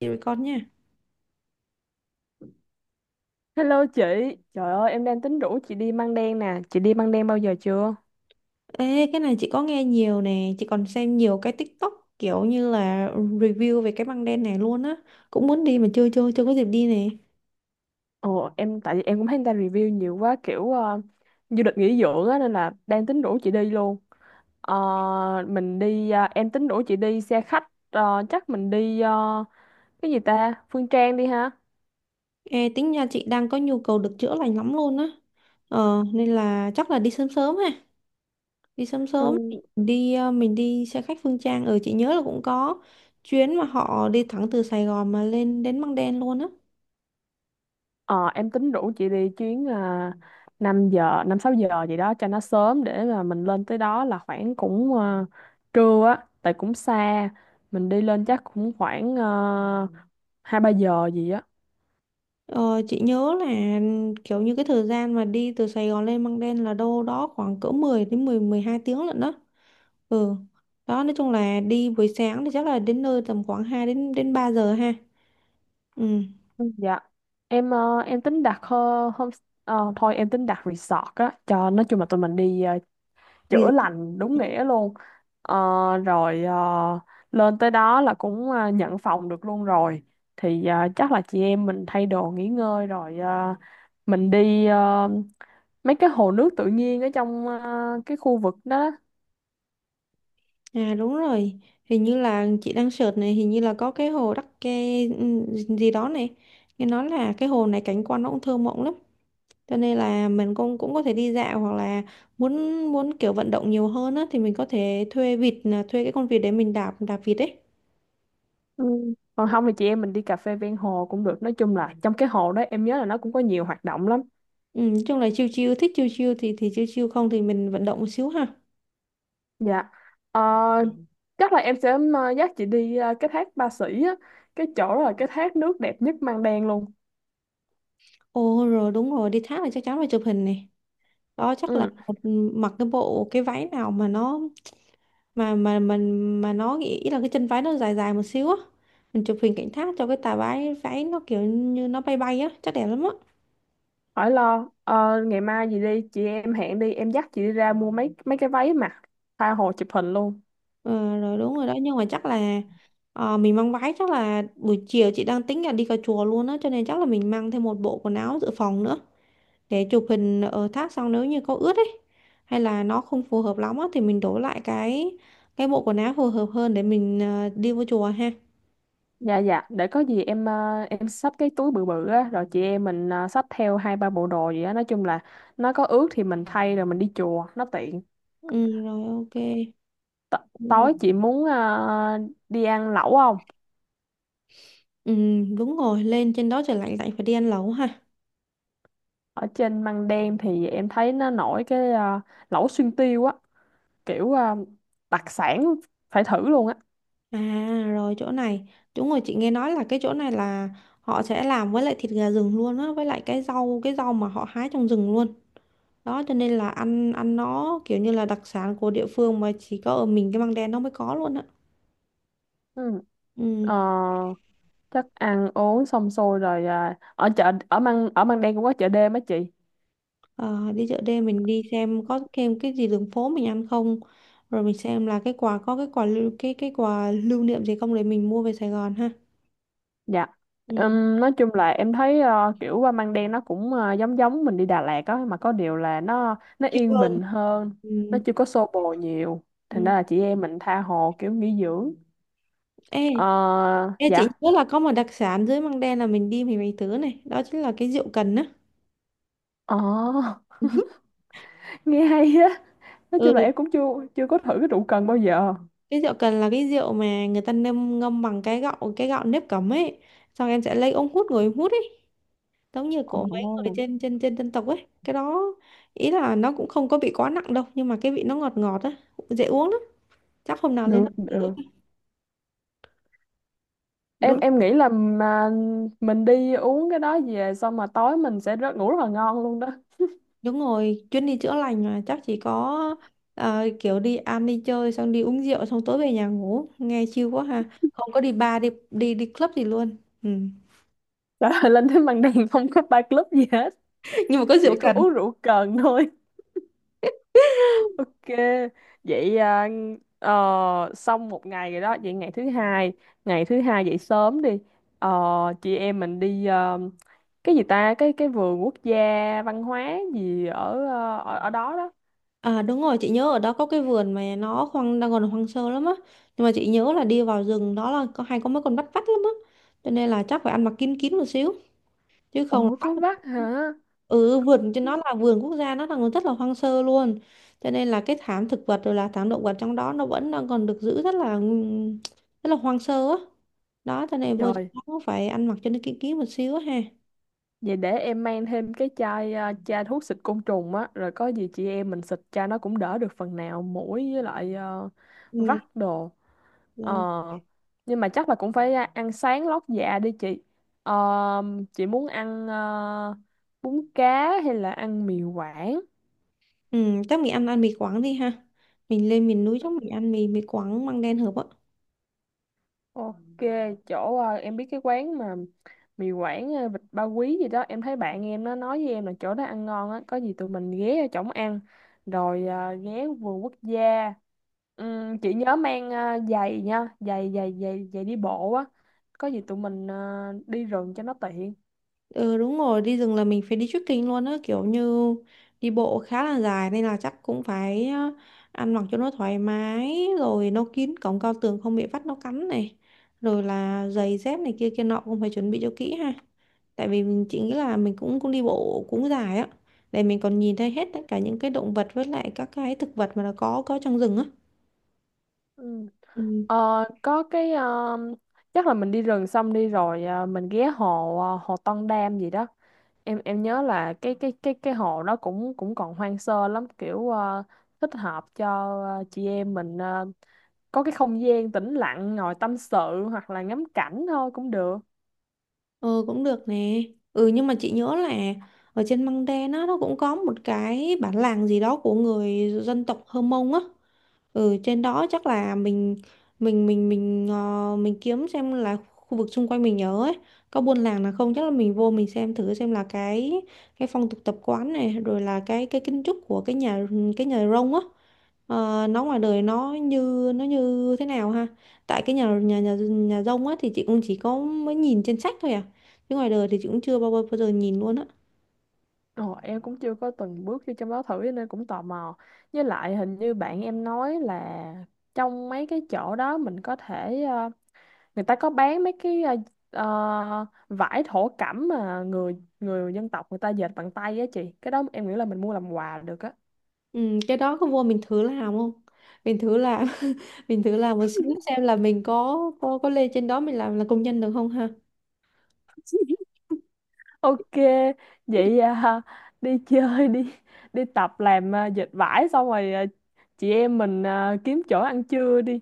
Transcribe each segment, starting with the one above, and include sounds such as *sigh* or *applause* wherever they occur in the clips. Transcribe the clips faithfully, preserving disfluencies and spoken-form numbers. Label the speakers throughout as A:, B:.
A: Chị với con nha.
B: Hello chị, trời ơi em đang tính rủ chị đi Măng Đen nè, chị đi Măng Đen bao giờ chưa?
A: Ê, cái này chị có nghe nhiều nè, chị còn xem nhiều cái TikTok kiểu như là review về cái băng đen này luôn á. Cũng muốn đi mà chưa chưa chưa có dịp đi nè.
B: Ồ em tại vì em cũng thấy người ta review nhiều quá kiểu ờ, du lịch nghỉ dưỡng á nên là đang tính rủ chị đi luôn. Ờ, mình đi ờ, em tính rủ chị đi xe khách ờ, chắc mình đi ờ, cái gì ta? Phương Trang đi ha.
A: Ê, tính nhà chị đang có nhu cầu được chữa lành lắm luôn á. Ờ, nên là chắc là đi sớm sớm ha. Đi sớm
B: Ừ.
A: sớm đi ờ, mình đi xe khách Phương Trang ở chị nhớ là cũng có chuyến mà họ đi thẳng từ Sài Gòn mà lên đến băng đen luôn á.
B: Ờ, em tính rủ chị đi chuyến à, năm giờ, năm sáu giờ gì đó cho nó sớm để mà mình lên tới đó là khoảng cũng à, trưa á, tại cũng xa. Mình đi lên chắc cũng khoảng uh, hai ba giờ gì á.
A: Ờ, chị nhớ là kiểu như cái thời gian mà đi từ Sài Gòn lên Măng Đen là đâu đó khoảng cỡ mười đến mười mười hai tiếng lận đó. Ừ. Đó nói chung là đi buổi sáng thì chắc là đến nơi tầm khoảng hai đến đến ba giờ ha. Ừ.
B: Ừ. Dạ. Em ờ, em tính đặt uh, hôm ờ, thôi em tính đặt resort á cho nói chung là tụi mình đi ờ,
A: Nghỉ-
B: chữa lành đúng nghĩa luôn. Ờ, rồi ờ, lên tới đó là cũng ờ, nhận phòng được luôn rồi thì ờ, chắc là chị em mình thay đồ nghỉ ngơi rồi ờ, mình đi ờ, mấy cái hồ nước tự nhiên ở trong ờ, cái khu vực đó.
A: À đúng rồi. Hình như là chị đang search này, hình như là có cái hồ Đắc Kê ừ, gì đó này. Nghe nói là cái hồ này cảnh quan nó cũng thơ mộng lắm. Cho nên là mình cũng cũng có thể đi dạo hoặc là muốn muốn kiểu vận động nhiều hơn á thì mình có thể thuê vịt là thuê cái con vịt để mình đạp đạp vịt ấy.
B: Ừ. Còn không thì chị em mình đi cà phê ven hồ cũng được, nói chung là trong cái hồ đó em nhớ là nó cũng có nhiều hoạt động lắm.
A: Ừ, nói chung là chiêu chiêu thích chiêu chiêu thì thì chiêu chiêu không thì mình vận động một xíu ha.
B: Dạ. Ờ, chắc là em sẽ ờ, dắt chị đi ờ, cái thác Ba Sĩ á, cái chỗ đó là cái thác nước đẹp nhất Măng Đen luôn.
A: Ồ rồi đúng rồi đi thác là chắc chắn phải chụp hình này. Đó chắc là
B: Ừ.
A: mặc cái bộ cái váy nào mà nó mà mà mình mà, mà nó nghĩ ý là cái chân váy nó dài dài một xíu á. Mình chụp hình cảnh thác cho cái tà váy váy nó kiểu như nó bay bay á, chắc đẹp lắm á.
B: Khỏi lo, ờ, ngày mai gì đi, chị em hẹn đi, em dắt chị đi ra mua mấy mấy cái váy mặc, tha hồ chụp hình luôn.
A: Ờ, rồi đúng rồi đó nhưng mà chắc là ờ, mình mang váy chắc là buổi chiều chị đang tính là đi cà chùa luôn á cho nên chắc là mình mang thêm một bộ quần áo dự phòng nữa. Để chụp hình ở thác xong nếu như có ướt ấy hay là nó không phù hợp lắm á, thì mình đổi lại cái cái bộ quần áo phù hợp hơn để mình ờ, đi vô chùa ha.
B: Dạ dạ, để có gì em ờ, em xách cái túi bự bự á, rồi chị em mình ờ, xách theo hai ba bộ đồ gì á, nói chung là nó có ướt thì mình thay rồi mình đi chùa, nó tiện.
A: Ừ, rồi ok.
B: T
A: Đúng rồi.
B: tối chị muốn ờ, đi ăn lẩu không?
A: Ừ, đúng rồi lên trên đó trời lạnh lạnh phải đi ăn lẩu ha.
B: Ở trên Măng Đen thì em thấy nó nổi cái ờ, lẩu xuyên tiêu á, kiểu ờ, đặc sản phải thử luôn á.
A: À rồi chỗ này đúng rồi chị nghe nói là cái chỗ này là họ sẽ làm với lại thịt gà rừng luôn á với lại cái rau cái rau mà họ hái trong rừng luôn đó cho nên là ăn ăn nó kiểu như là đặc sản của địa phương mà chỉ có ở mình cái măng đen nó mới có luôn á.
B: Ừ. Ờ,
A: Ừ.
B: chắc ăn uống xong xuôi rồi à, ở chợ ở Măng ở Măng Đen cũng có chợ đêm á chị.
A: Ờ, đi chợ đêm mình đi xem có thêm cái gì đường phố mình ăn không, rồi mình xem là cái quà có cái quà lưu cái cái quà lưu niệm gì không để mình mua về Sài Gòn ha.
B: Dạ.
A: Ừ.
B: Ừm, nói chung là em thấy ờ, kiểu qua Măng Đen nó cũng ờ, giống giống mình đi Đà Lạt á, mà có điều là nó nó
A: Chịu
B: yên
A: hơn.
B: bình hơn,
A: Ừ.
B: nó chưa có xô bồ nhiều, thành
A: Ừ.
B: ra là chị em mình tha hồ kiểu nghỉ dưỡng.
A: Ê,
B: Ờ,
A: ê chị
B: dạ
A: nhớ là có một đặc sản dưới Măng Đen là mình đi mình phải thử này đó chính là cái rượu cần á.
B: ờ
A: *laughs*
B: *laughs* nghe hay á, nói chung là
A: Ừ,
B: em cũng chưa chưa có thử cái rượu cần bao giờ.
A: cái rượu cần là cái rượu mà người ta ngâm ngâm bằng cái gạo cái gạo nếp cẩm ấy, xong em sẽ lấy ống hút ngồi em hút ấy, giống như của mấy người
B: Ồ
A: trên trên trên dân tộc ấy cái đó. Ý là nó cũng không có bị quá nặng đâu nhưng mà cái vị nó ngọt ngọt á, dễ uống lắm, chắc hôm nào lên
B: được
A: đó.
B: được, em
A: Đúng
B: em nghĩ là mà mình đi uống cái đó về xong mà tối mình sẽ rất ngủ rất là ngon luôn đó.
A: Đúng rồi chuyến đi chữa lành mà chắc chỉ có ờ, kiểu đi ăn đi chơi xong đi uống rượu xong tối về nhà ngủ nghe chill quá ha, không có đi bar đi đi đi club gì luôn. Ừ.
B: *laughs* Trời ơi, lên tới màn đêm *laughs* không có bar club gì hết,
A: *laughs* Nhưng mà có rượu
B: chỉ có
A: cần.
B: uống rượu cần thôi. *laughs* Ok, vậy à, ờ, xong một ngày rồi đó, vậy ngày thứ hai ngày thứ hai dậy sớm đi. Ờ, chị em mình đi ờ, cái gì ta, cái cái vườn quốc gia văn hóa gì ở ờ, ở, ở đó đó.
A: À đúng rồi chị nhớ ở đó có cái vườn mà nó hoang đang còn hoang sơ lắm á, nhưng mà chị nhớ là đi vào rừng đó là có hay có mấy con bắt vắt lắm á, cho nên là chắc phải ăn mặc kín kín một xíu chứ không là
B: Ủa có
A: bắt.
B: vắt hả?
A: Ừ, vườn cho nó là vườn quốc gia nó là rất là hoang sơ luôn, cho nên là cái thảm thực vật rồi là thảm động vật trong đó nó vẫn đang còn được giữ rất là ừm, rất là hoang sơ á. Đó cho nên vô trong
B: Trời.
A: đó cũng phải ăn mặc cho nó kỹ kỹ một xíu á ha.
B: Vậy để em mang thêm cái chai à, chai thuốc xịt côn trùng á, rồi có gì chị em mình xịt chai nó cũng đỡ được phần nào muỗi với lại ờ, vắt
A: Ừ,
B: đồ. Ờ,
A: dạ.
B: nhưng mà chắc là cũng phải à, ăn sáng lót dạ đi chị. Ờ, chị muốn ăn ờ, bún cá hay là ăn mì Quảng?
A: Ừ chắc mình ăn ăn mì Quảng đi ha, mình lên miền núi chắc mình ăn mì mì Quảng măng đen hợp á.
B: Ok, chỗ ờ, em biết cái quán mà mì Quảng ờ, vịt ba quý gì đó, em thấy bạn em nó nói với em là chỗ đó ăn ngon á, có gì tụi mình ghé ở chỗ ăn rồi ờ, ghé vườn quốc gia. Ừm, chị nhớ mang ờ, giày nha, giày giày giày giày đi bộ á. Có gì tụi mình ờ, đi rừng cho nó tiện.
A: Ừ đúng rồi, đi rừng là mình phải đi trekking luôn á, kiểu như đi bộ khá là dài nên là chắc cũng phải ờ, ăn mặc cho nó thoải mái, rồi nó kín cổng cao tường không bị vắt nó cắn này, rồi là giày dép này kia kia nọ cũng phải chuẩn bị cho kỹ ha. Tại vì mình chỉ nghĩ là mình cũng cũng đi bộ cũng dài á, để mình còn nhìn thấy hết tất cả những cái động vật với lại các cái thực vật mà nó có có trong rừng á.
B: Ừ.
A: Ừ.
B: Ờ, có cái ờ, chắc là mình đi rừng xong đi rồi ờ, mình ghé hồ ờ, hồ Tân Đam gì đó, em em nhớ là cái cái cái cái hồ nó cũng cũng còn hoang sơ lắm, kiểu ờ, thích hợp cho ờ, chị em mình ờ, có cái không gian tĩnh lặng ngồi tâm sự hoặc là ngắm cảnh thôi cũng được.
A: Ừ cũng được nè. Ừ nhưng mà chị nhớ là ở trên Măng Đen á nó cũng có một cái bản làng gì đó của người dân tộc Hơ Mông á. Ừ, trên đó chắc là mình mình mình mình ờ, mình kiếm xem là khu vực xung quanh mình nhớ ấy có buôn làng nào không, chắc là mình vô mình xem thử xem là cái cái phong tục tập quán này rồi là cái cái kiến trúc của cái nhà cái nhà rông á, ờ, nó ngoài đời nó như nó như thế nào ha. Tại cái nhà nhà nhà nhà rông á thì chị cũng chỉ có mới nhìn trên sách thôi à, chứ ngoài đời thì chị cũng chưa bao bao giờ nhìn luôn á.
B: Ồ, em cũng chưa có từng bước vô trong đó thử cho nên cũng tò mò, với lại hình như bạn em nói là trong mấy cái chỗ đó mình có thể ờ, người ta có bán mấy cái ờ, ờ, vải thổ cẩm mà người người dân tộc người ta dệt bằng tay á chị, cái đó em nghĩ là mình mua làm quà được á.
A: Ừ, cái đó có vô mình thử làm không? Mình thử làm *laughs* mình thử làm một xíu xem là mình có có có lên trên đó mình làm là công nhân được không ha?
B: Ok, vậy à, *laughs* đi chơi đi, đi tập làm à, dệt vải xong rồi à, chị em mình à, kiếm chỗ ăn trưa đi.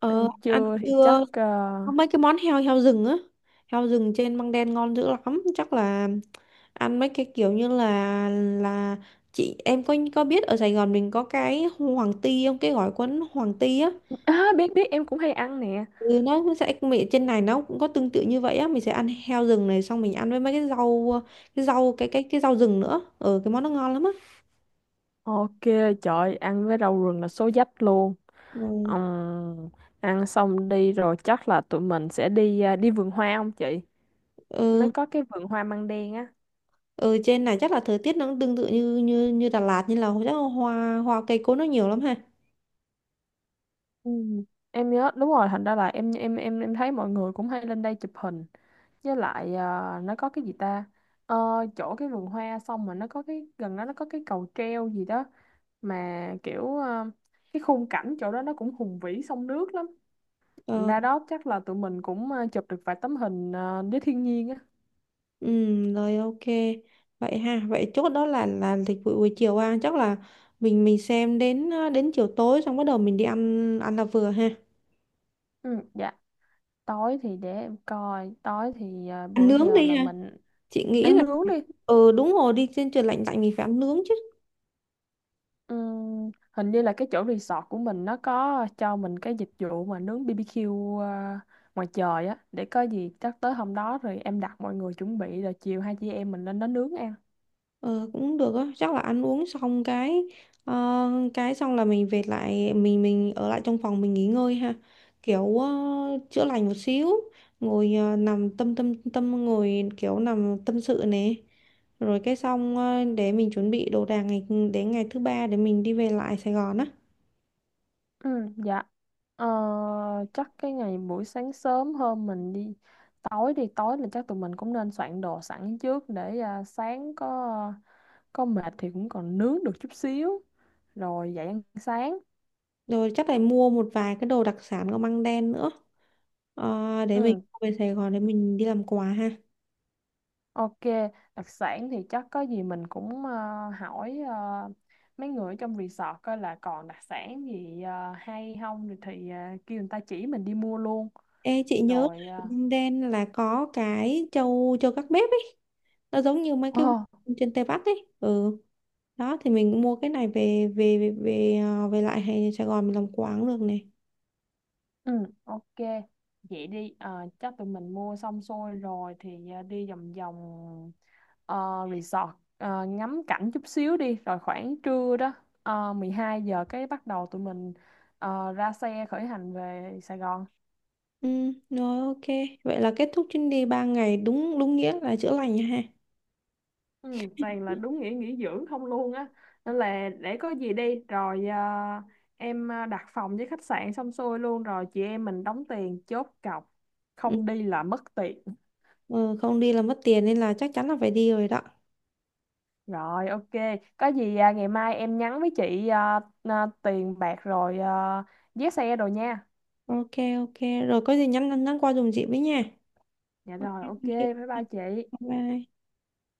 A: Ờ
B: Ăn
A: ăn
B: trưa thì chắc
A: chưa?
B: à,
A: Có mấy cái món heo heo rừng á. Heo rừng trên Măng Đen ngon dữ lắm, chắc là ăn mấy cái kiểu như là là chị em có có biết ở Sài Gòn mình có cái hoàng ti không? Cái gỏi cuốn hoàng ti á.
B: à, biết biết em cũng hay ăn nè.
A: Ừ, nó sẽ mì trên này nó cũng có tương tự như vậy á, mình sẽ ăn heo rừng này xong mình ăn với mấy cái rau cái rau cái cái cái rau rừng nữa, ừ cái món nó ngon lắm á.
B: Ok, trời ăn với rau rừng là số dách luôn.
A: Ừ.
B: Ừm, ăn xong đi rồi chắc là tụi mình sẽ đi à, đi vườn hoa không chị? Nó
A: Ừ.
B: có cái vườn hoa măng đen á.
A: Ừ trên này chắc là thời tiết nó cũng tương tự như như như Đà Lạt, như là chắc là hoa hoa cây cối nó nhiều lắm ha.
B: Ừ. Em nhớ đúng rồi, thành ra là em em em em thấy mọi người cũng hay lên đây chụp hình. Với lại ờ, nó có cái gì ta. Ờ, chỗ cái vườn hoa xong mà nó có cái gần đó nó có cái cầu treo gì đó mà kiểu ờ, cái khung cảnh chỗ đó nó cũng hùng vĩ sông nước lắm,
A: Ờ.
B: ra đó chắc là tụi mình cũng ờ, chụp được vài tấm hình ờ, với thiên nhiên á.
A: Ừ rồi ok. Vậy ha, vậy chốt đó là là lịch vụ buổi chiều ha, chắc là mình mình xem đến ờ, đến chiều tối xong bắt đầu mình đi ăn ăn là vừa ha,
B: Ừ, dạ. Tối thì để em coi, tối thì à,
A: ăn
B: bữa
A: nướng
B: giờ là
A: đi ha,
B: mình
A: chị nghĩ
B: ăn
A: là
B: nướng đi.
A: ừ đúng rồi đi trên trời lạnh lạnh mình phải ăn nướng chứ.
B: Ừm, hình như là cái chỗ resort của mình nó có cho mình cái dịch vụ mà nướng bê bê qu ờ, ngoài trời á, để có gì chắc tới hôm đó rồi em đặt mọi người chuẩn bị rồi chiều hai chị em mình lên đó nướng ăn.
A: Ờ, cũng được á, chắc là ăn uống xong cái ờ, cái xong là mình về lại mình mình ở lại trong phòng mình nghỉ ngơi ha. Kiểu ờ, chữa lành một xíu, ngồi ờ, nằm tâm tâm tâm ngồi kiểu nằm tâm sự nè. Rồi cái xong ờ, để mình chuẩn bị đồ đạc ngày đến ngày thứ ba để mình đi về lại Sài Gòn á.
B: Ừ, dạ ờ, chắc cái ngày buổi sáng sớm hơn mình đi, tối đi tối là chắc tụi mình cũng nên soạn đồ sẵn trước để à, sáng có có mệt thì cũng còn nướng được chút xíu rồi dậy ăn sáng.
A: Rồi chắc là mua một vài cái đồ đặc sản của Măng Đen nữa. Ờ, để mình
B: Ừ,
A: về Sài Gòn để mình đi làm quà ha.
B: ok, đặc sản thì chắc có gì mình cũng ờ, hỏi ờ, mấy người ở trong resort coi là còn đặc sản gì ờ, hay không rồi thì ờ, kêu người ta chỉ mình đi mua luôn.
A: Ê, chị nhớ là
B: Rồi ờ,
A: Vung Đen là có cái trâu trâu gác bếp ấy. Nó giống như mấy
B: Ồ,
A: cái vùng trên Tây Bắc ấy. Ừ. Đó thì mình mua cái này về về về về, à, về lại hay Sài Gòn mình làm quán được này.
B: ừ ok. Vậy đi, ờ, chắc tụi mình mua xong xuôi rồi thì ờ, đi vòng vòng ờ, resort ờ, ngắm cảnh chút xíu đi rồi khoảng trưa đó uh, mười hai giờ cái bắt đầu tụi mình ờ, ra xe khởi hành về Sài Gòn.
A: Ừ, rồi ok. Vậy là kết thúc chuyến đi ba ngày đúng đúng nghĩa là chữa lành nha ha.
B: Ừ, toàn là đúng nghĩa nghỉ dưỡng không luôn á, nên là để có gì đi rồi à, em à, đặt phòng với khách sạn xong xuôi luôn rồi chị em mình đóng tiền chốt cọc,
A: Ừ,
B: không đi là mất tiền.
A: ừ, không đi là mất tiền nên là chắc chắn là phải đi rồi đó.
B: Rồi ok, có gì à, ngày mai em nhắn với chị à, à, tiền bạc rồi à, vé xe đồ nha.
A: Ok ok. Rồi có gì nhắn nhắn qua dùm chị với nha.
B: Dạ
A: Ok,
B: rồi ok
A: thank you.
B: bye bye chị.
A: Bye bye.